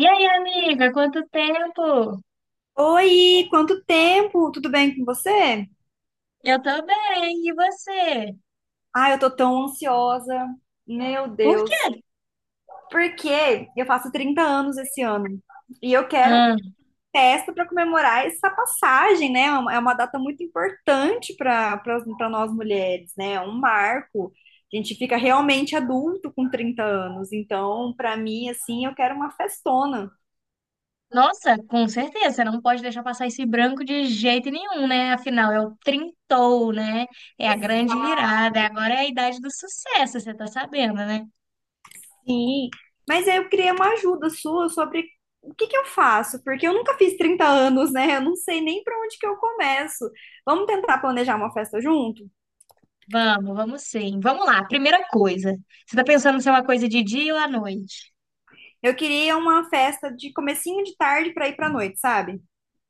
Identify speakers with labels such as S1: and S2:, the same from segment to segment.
S1: E aí, amiga, quanto tempo?
S2: Oi, quanto tempo? Tudo bem com você?
S1: Eu tô bem, e você?
S2: Ah, eu tô tão ansiosa. Meu
S1: Por
S2: Deus.
S1: quê?
S2: Porque eu faço 30 anos esse ano e eu quero
S1: Ah,
S2: festa para comemorar essa passagem, né? É uma data muito importante para nós mulheres, né? É um marco. A gente fica realmente adulto com 30 anos. Então, para mim, assim, eu quero uma festona.
S1: nossa, com certeza, você não pode deixar passar esse branco de jeito nenhum, né? Afinal, é o trintou, né? É a grande virada, agora é a idade do sucesso, você tá sabendo, né?
S2: Sim, mas aí eu queria uma ajuda sua sobre o que que eu faço, porque eu nunca fiz 30 anos, né? Eu não sei nem para onde que eu começo. Vamos tentar planejar uma festa junto?
S1: Vamos, vamos sim. Vamos lá, primeira coisa. Você tá pensando se é uma coisa de dia ou à noite?
S2: Eu queria uma festa de comecinho de tarde para ir para noite, sabe?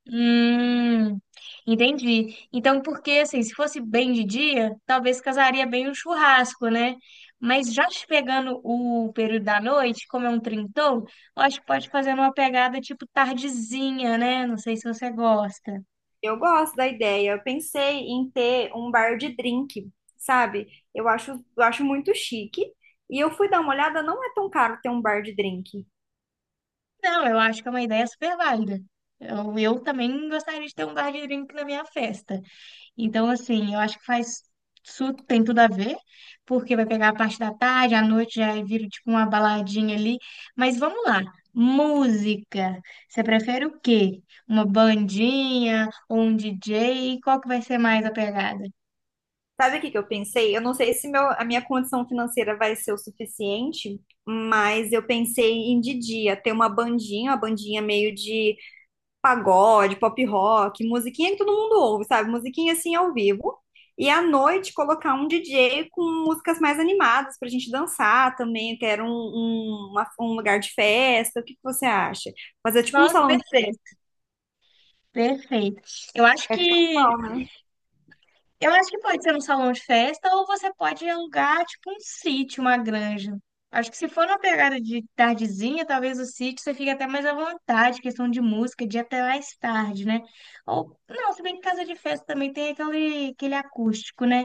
S1: Hum, entendi. Então, porque assim, se fosse bem de dia, talvez casaria bem o churrasco, né? Mas já te pegando o período da noite, como é um trintão, eu acho que pode fazer uma pegada tipo tardezinha, né? Não sei se você gosta.
S2: Eu gosto da ideia. Eu pensei em ter um bar de drink, sabe? Eu acho muito chique. E eu fui dar uma olhada, não é tão caro ter um bar de drink.
S1: Não, eu acho que é uma ideia super válida. Eu também gostaria de ter um bar de drink na minha festa. Então, assim, eu acho que faz isso tem tudo a ver, porque vai pegar a parte da tarde, à noite já vira tipo uma baladinha ali. Mas vamos lá, música. Você prefere o quê? Uma bandinha ou um DJ? Qual que vai ser mais a pegada?
S2: Sabe o que que eu pensei? Eu não sei se a minha condição financeira vai ser o suficiente, mas eu pensei em de dia ter uma bandinha meio de pagode, pop rock, musiquinha que todo mundo ouve, sabe? Musiquinha assim ao vivo. E à noite colocar um DJ com músicas mais animadas pra gente dançar também. Quero um lugar de festa. O que que você acha? Fazer tipo um
S1: Nossa,
S2: salão de festa.
S1: perfeito. Perfeito. Eu acho
S2: Vai
S1: que
S2: ficar legal, né?
S1: Eu acho que pode ser um salão de festa ou você pode alugar, tipo, um sítio, uma granja. Acho que se for uma pegada de tardezinha, talvez o sítio você fique até mais à vontade, questão de música, de ir até mais tarde, né? Ou, não, se bem que casa de festa também tem aquele, aquele acústico, né?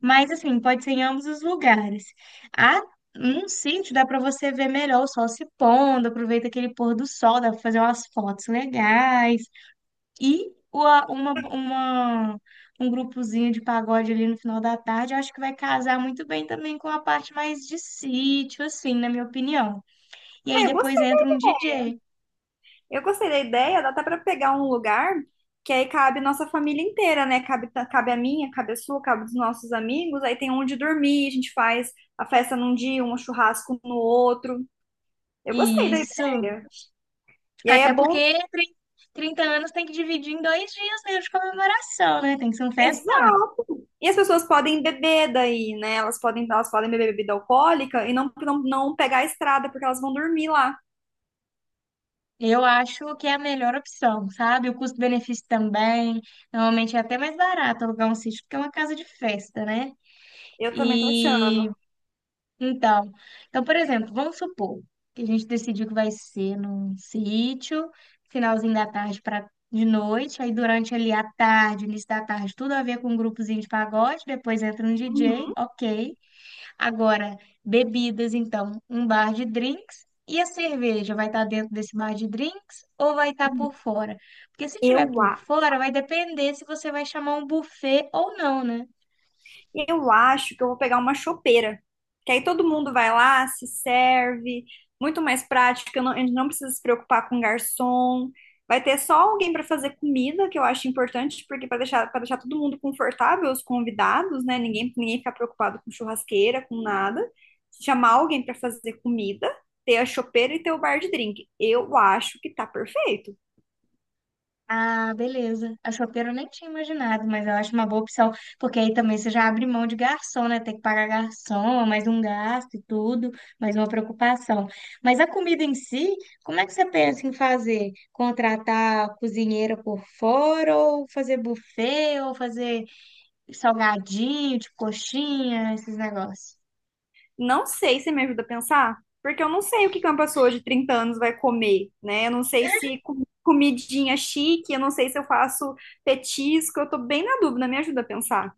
S1: Mas, assim, pode ser em ambos os lugares. Ah, num sítio dá para você ver melhor o sol se pondo, aproveita aquele pôr do sol, dá para fazer umas fotos legais e um grupozinho de pagode ali no final da tarde, eu acho que vai casar muito bem também com a parte mais de sítio, assim, na minha opinião. E aí
S2: Ah, eu
S1: depois
S2: gostei.
S1: entra um DJ.
S2: Eu gostei da ideia, dá até para pegar um lugar que aí cabe nossa família inteira, né? Cabe, cabe a minha, cabe a sua, cabe dos nossos amigos. Aí tem onde dormir, a gente faz a festa num dia, um churrasco no outro. Eu gostei da
S1: Isso.
S2: ideia. E aí é
S1: Até
S2: bom.
S1: porque 30 anos tem que dividir em 2 dias mesmo de comemoração, né? Tem que ser um festão.
S2: Exato. E as pessoas podem beber daí, né? Elas podem beber bebida alcoólica e não, não, não pegar a estrada, porque elas vão dormir lá.
S1: Eu acho que é a melhor opção, sabe? O custo-benefício também. Normalmente é até mais barato alugar um sítio, porque é uma casa de festa, né?
S2: Eu também tô achando.
S1: E Então, então, por exemplo, vamos supor que a gente decidiu que vai ser num sítio, finalzinho da tarde para de noite, aí durante ali a tarde, início da tarde, tudo a ver com um grupozinho de pagode, depois entra um DJ,
S2: Uhum.
S1: ok. Agora, bebidas, então, um bar de drinks. E a cerveja vai estar dentro desse bar de drinks ou vai estar por fora? Porque se
S2: Eu
S1: tiver por fora, vai depender se você vai chamar um buffet ou não, né?
S2: Eu acho que eu vou pegar uma chopeira, que aí todo mundo vai lá, se serve, muito mais prática, a gente não precisa se preocupar com garçom. Vai ter só alguém para fazer comida, que eu acho importante, porque para deixar todo mundo confortável, os convidados, né? Ninguém ficar preocupado com churrasqueira, com nada. Chamar alguém para fazer comida, ter a chopeira e ter o bar de drink. Eu acho que tá perfeito.
S1: Ah, beleza. A chopeira eu nem tinha imaginado, mas eu acho uma boa opção, porque aí também você já abre mão de garçom, né? Tem que pagar garçom, é mais um gasto e tudo, mais uma preocupação. Mas a comida em si, como é que você pensa em fazer? Contratar cozinheira por fora, ou fazer buffet, ou fazer salgadinho, tipo coxinha, esses negócios?
S2: Não sei se me ajuda a pensar, porque eu não sei o que que uma pessoa de 30 anos vai comer, né? Eu não sei se comidinha chique, eu não sei se eu faço petisco, eu tô bem na dúvida, me ajuda a pensar.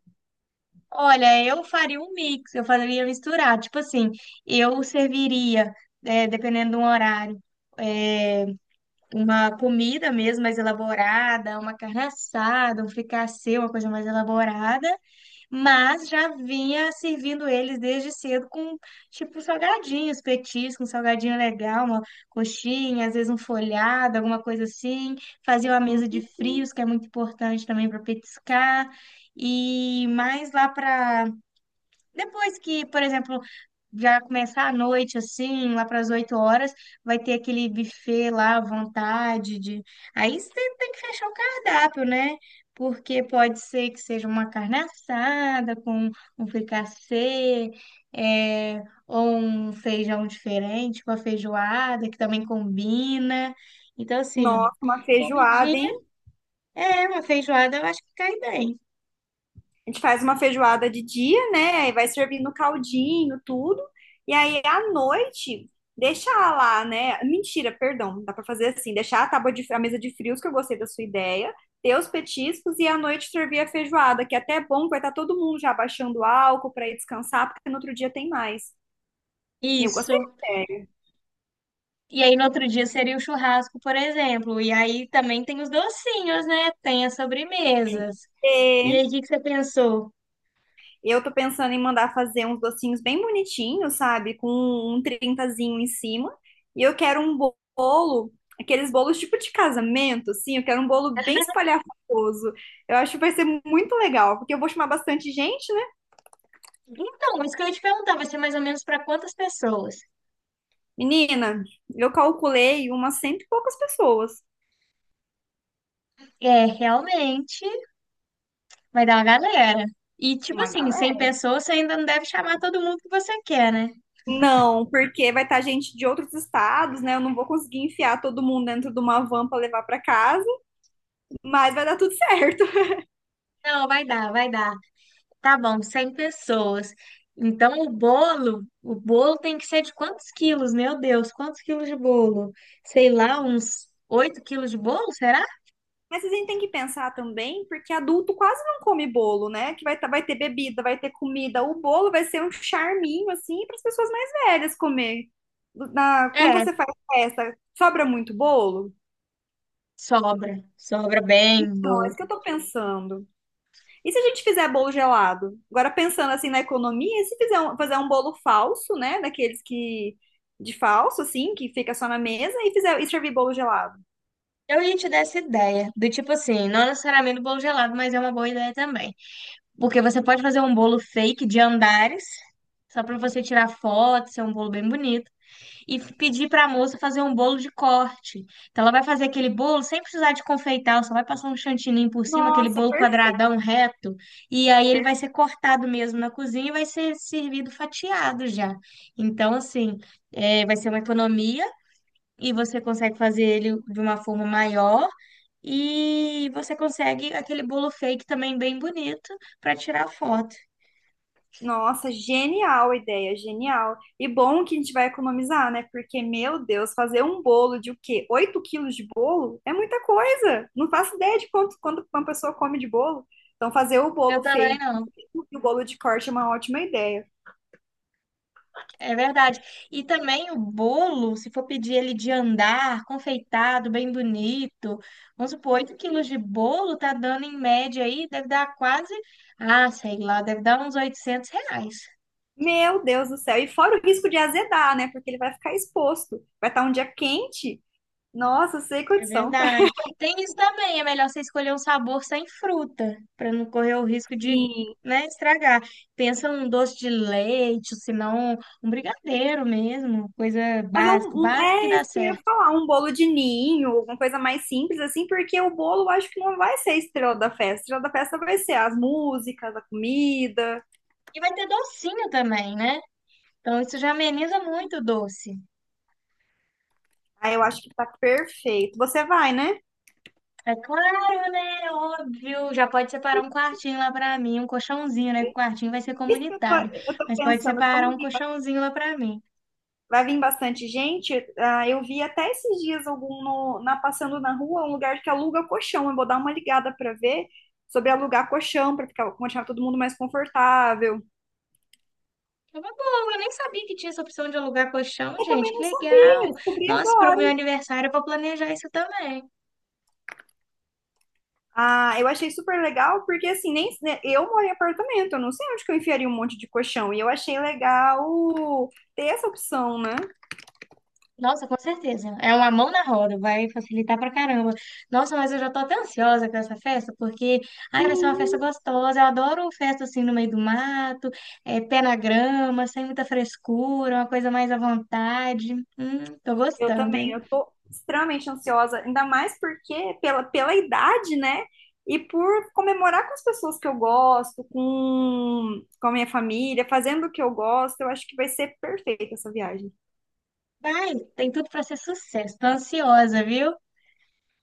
S1: Olha, eu faria um mix, eu faria misturar. Tipo assim, eu serviria, dependendo do horário, uma comida mesmo mais elaborada, uma carne assada, um fricassê, uma coisa mais elaborada, mas já vinha servindo eles desde cedo com tipo salgadinhos, petiscos, um salgadinho legal, uma coxinha, às vezes um folhado, alguma coisa assim. Fazia uma mesa de
S2: Hum,
S1: frios, que é muito importante também para petiscar. E mais lá para depois que, por exemplo, já começar a noite, assim, lá para as 8 horas, vai ter aquele buffet lá à vontade de... Aí você tem que fechar o cardápio, né? Porque pode ser que seja uma carne assada com um fricassê, é, ou um feijão diferente, uma feijoada que também combina. Então, assim,
S2: nossa, uma
S1: comidinha
S2: feijoada, hein?
S1: é uma feijoada, eu acho que cai bem.
S2: A gente faz uma feijoada de dia, né? Aí vai servindo caldinho, tudo. E aí à noite deixar lá, né? Mentira, perdão, dá para fazer assim, deixar a mesa de frios que eu gostei da sua ideia, ter os petiscos e à noite servir a feijoada, que é até é bom, vai estar todo mundo já baixando o álcool para ir descansar, porque no outro dia tem mais. Eu gostei da
S1: Isso. E aí, no outro dia seria o churrasco, por exemplo. E aí também tem os docinhos, né? Tem as sobremesas. E
S2: ideia.
S1: aí, o que que você pensou?
S2: Eu tô pensando em mandar fazer uns docinhos bem bonitinhos, sabe? Com um trintazinho em cima. E eu quero um bolo, aqueles bolos tipo de casamento, assim. Eu quero um bolo bem espalhafatoso. Eu acho que vai ser muito legal, porque eu vou chamar bastante gente, né?
S1: Então, isso que eu ia te perguntar, vai ser mais ou menos para quantas pessoas?
S2: Menina, eu calculei umas cento e poucas pessoas.
S1: É, realmente, vai dar uma galera. E, tipo
S2: Uma
S1: assim,
S2: gala.
S1: 100 pessoas, você ainda não deve chamar todo mundo que você quer, né?
S2: Não, porque vai estar gente de outros estados, né? Eu não vou conseguir enfiar todo mundo dentro de uma van para levar para casa, mas vai dar tudo certo.
S1: Não, vai dar, vai dar. Tá bom, 100 pessoas. Então, o bolo tem que ser de quantos quilos? Meu Deus, quantos quilos de bolo? Sei lá, uns 8 quilos de bolo, será?
S2: Mas a gente tem que pensar também, porque adulto quase não come bolo, né? Vai ter bebida, vai ter comida. O bolo vai ser um charminho, assim, para as pessoas mais velhas comer. Quando
S1: É,
S2: você faz festa, sobra muito bolo?
S1: sobra. Sobra bem,
S2: Não, é
S1: boa.
S2: isso que eu tô pensando. E se a gente fizer bolo gelado? Agora, pensando assim na economia, e se fazer um bolo falso, né? Daqueles que, de falso, assim, que fica só na mesa, e e servir bolo gelado?
S1: Eu ia te dar essa ideia, do tipo assim, não necessariamente bolo gelado, mas é uma boa ideia também. Porque você pode fazer um bolo fake de andares, só pra você tirar foto, ser um bolo bem bonito, e pedir pra moça fazer um bolo de corte. Então ela vai fazer aquele bolo sem precisar de confeitar, ela só vai passar um chantininho por cima, aquele
S2: Nossa,
S1: bolo
S2: perfeito.
S1: quadradão reto, e aí ele vai ser cortado mesmo na cozinha e vai ser servido fatiado já. Então, assim, é, vai ser uma economia e você consegue fazer ele de uma forma maior e você consegue aquele bolo fake também bem bonito para tirar foto.
S2: Nossa, genial a ideia, genial. E bom que a gente vai economizar, né? Porque, meu Deus, fazer um bolo de o quê? 8 quilos de bolo é muita coisa. Não faço ideia de quanto uma pessoa come de bolo. Então, fazer o
S1: Eu
S2: bolo
S1: também
S2: feito
S1: não.
S2: e o bolo de corte é uma ótima ideia.
S1: É verdade. E também o bolo, se for pedir ele de andar, confeitado, bem bonito, vamos supor, 8 quilos de bolo tá dando em média aí, deve dar quase, ah, sei lá, deve dar uns R$ 800.
S2: Meu Deus do céu. E fora o risco de azedar, né? Porque ele vai ficar exposto. Vai estar um dia quente. Nossa, sem
S1: É
S2: condição.
S1: verdade. Tem isso também, é melhor você escolher um sabor sem fruta, para não correr o risco de,
S2: Sim.
S1: né, estragar. Pensa num doce de leite, ou se não, um brigadeiro mesmo, coisa básica, básica que
S2: É
S1: dá
S2: isso que eu ia
S1: certo.
S2: falar, um bolo de ninho, alguma coisa mais simples assim, porque o bolo eu acho que não vai ser a estrela da festa. A estrela da festa vai ser as músicas, a comida.
S1: E vai ter docinho também, né? Então isso já ameniza muito o doce.
S2: Aí eu acho que tá perfeito. Você vai, né?
S1: É claro, né? Óbvio. Já pode separar um quartinho lá para mim, um colchãozinho, né? Que o quartinho vai ser
S2: Isso que
S1: comunitário,
S2: eu tô
S1: mas pode
S2: pensando,
S1: separar
S2: como
S1: um colchãozinho lá para mim.
S2: vai vir bastante gente, ah, eu vi até esses dias algum na passando na rua, um lugar que aluga colchão. Eu vou dar uma ligada pra ver sobre alugar colchão para ficar, deixar todo mundo mais confortável.
S1: É uma boa, eu nem sabia que tinha essa opção de alugar colchão,
S2: Eu
S1: gente.
S2: também
S1: Que
S2: não sabia,
S1: legal!
S2: descobri
S1: Nossa, pro meu
S2: agora.
S1: aniversário eu vou planejar isso também.
S2: Ah, eu achei super legal, porque assim, nem né, eu moro em apartamento, eu não sei onde que eu enfiaria um monte de colchão. E eu achei legal ter essa opção, né?
S1: Nossa, com certeza. É uma mão na roda, vai facilitar pra caramba. Nossa, mas eu já tô até ansiosa com essa festa, porque ai, vai ser uma festa
S2: Menino,
S1: gostosa. Eu adoro festa assim no meio do mato, é, pé na grama, sem muita frescura, uma coisa mais à vontade. Tô
S2: eu
S1: gostando,
S2: também,
S1: hein?
S2: eu tô extremamente ansiosa, ainda mais porque pela idade, né? E por comemorar com as pessoas que eu gosto, com a minha família, fazendo o que eu gosto, eu acho que vai ser perfeita essa viagem.
S1: Vai, tem tudo pra ser sucesso. Tô ansiosa, viu?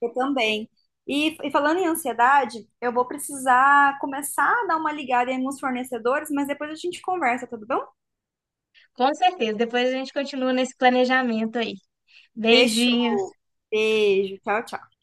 S2: Eu também. E falando em ansiedade, eu vou precisar começar a dar uma ligada em alguns fornecedores, mas depois a gente conversa, tudo bom?
S1: Com certeza. Depois a gente continua nesse planejamento aí. Beijinho.
S2: Fechou. Beijo. Tchau, tchau.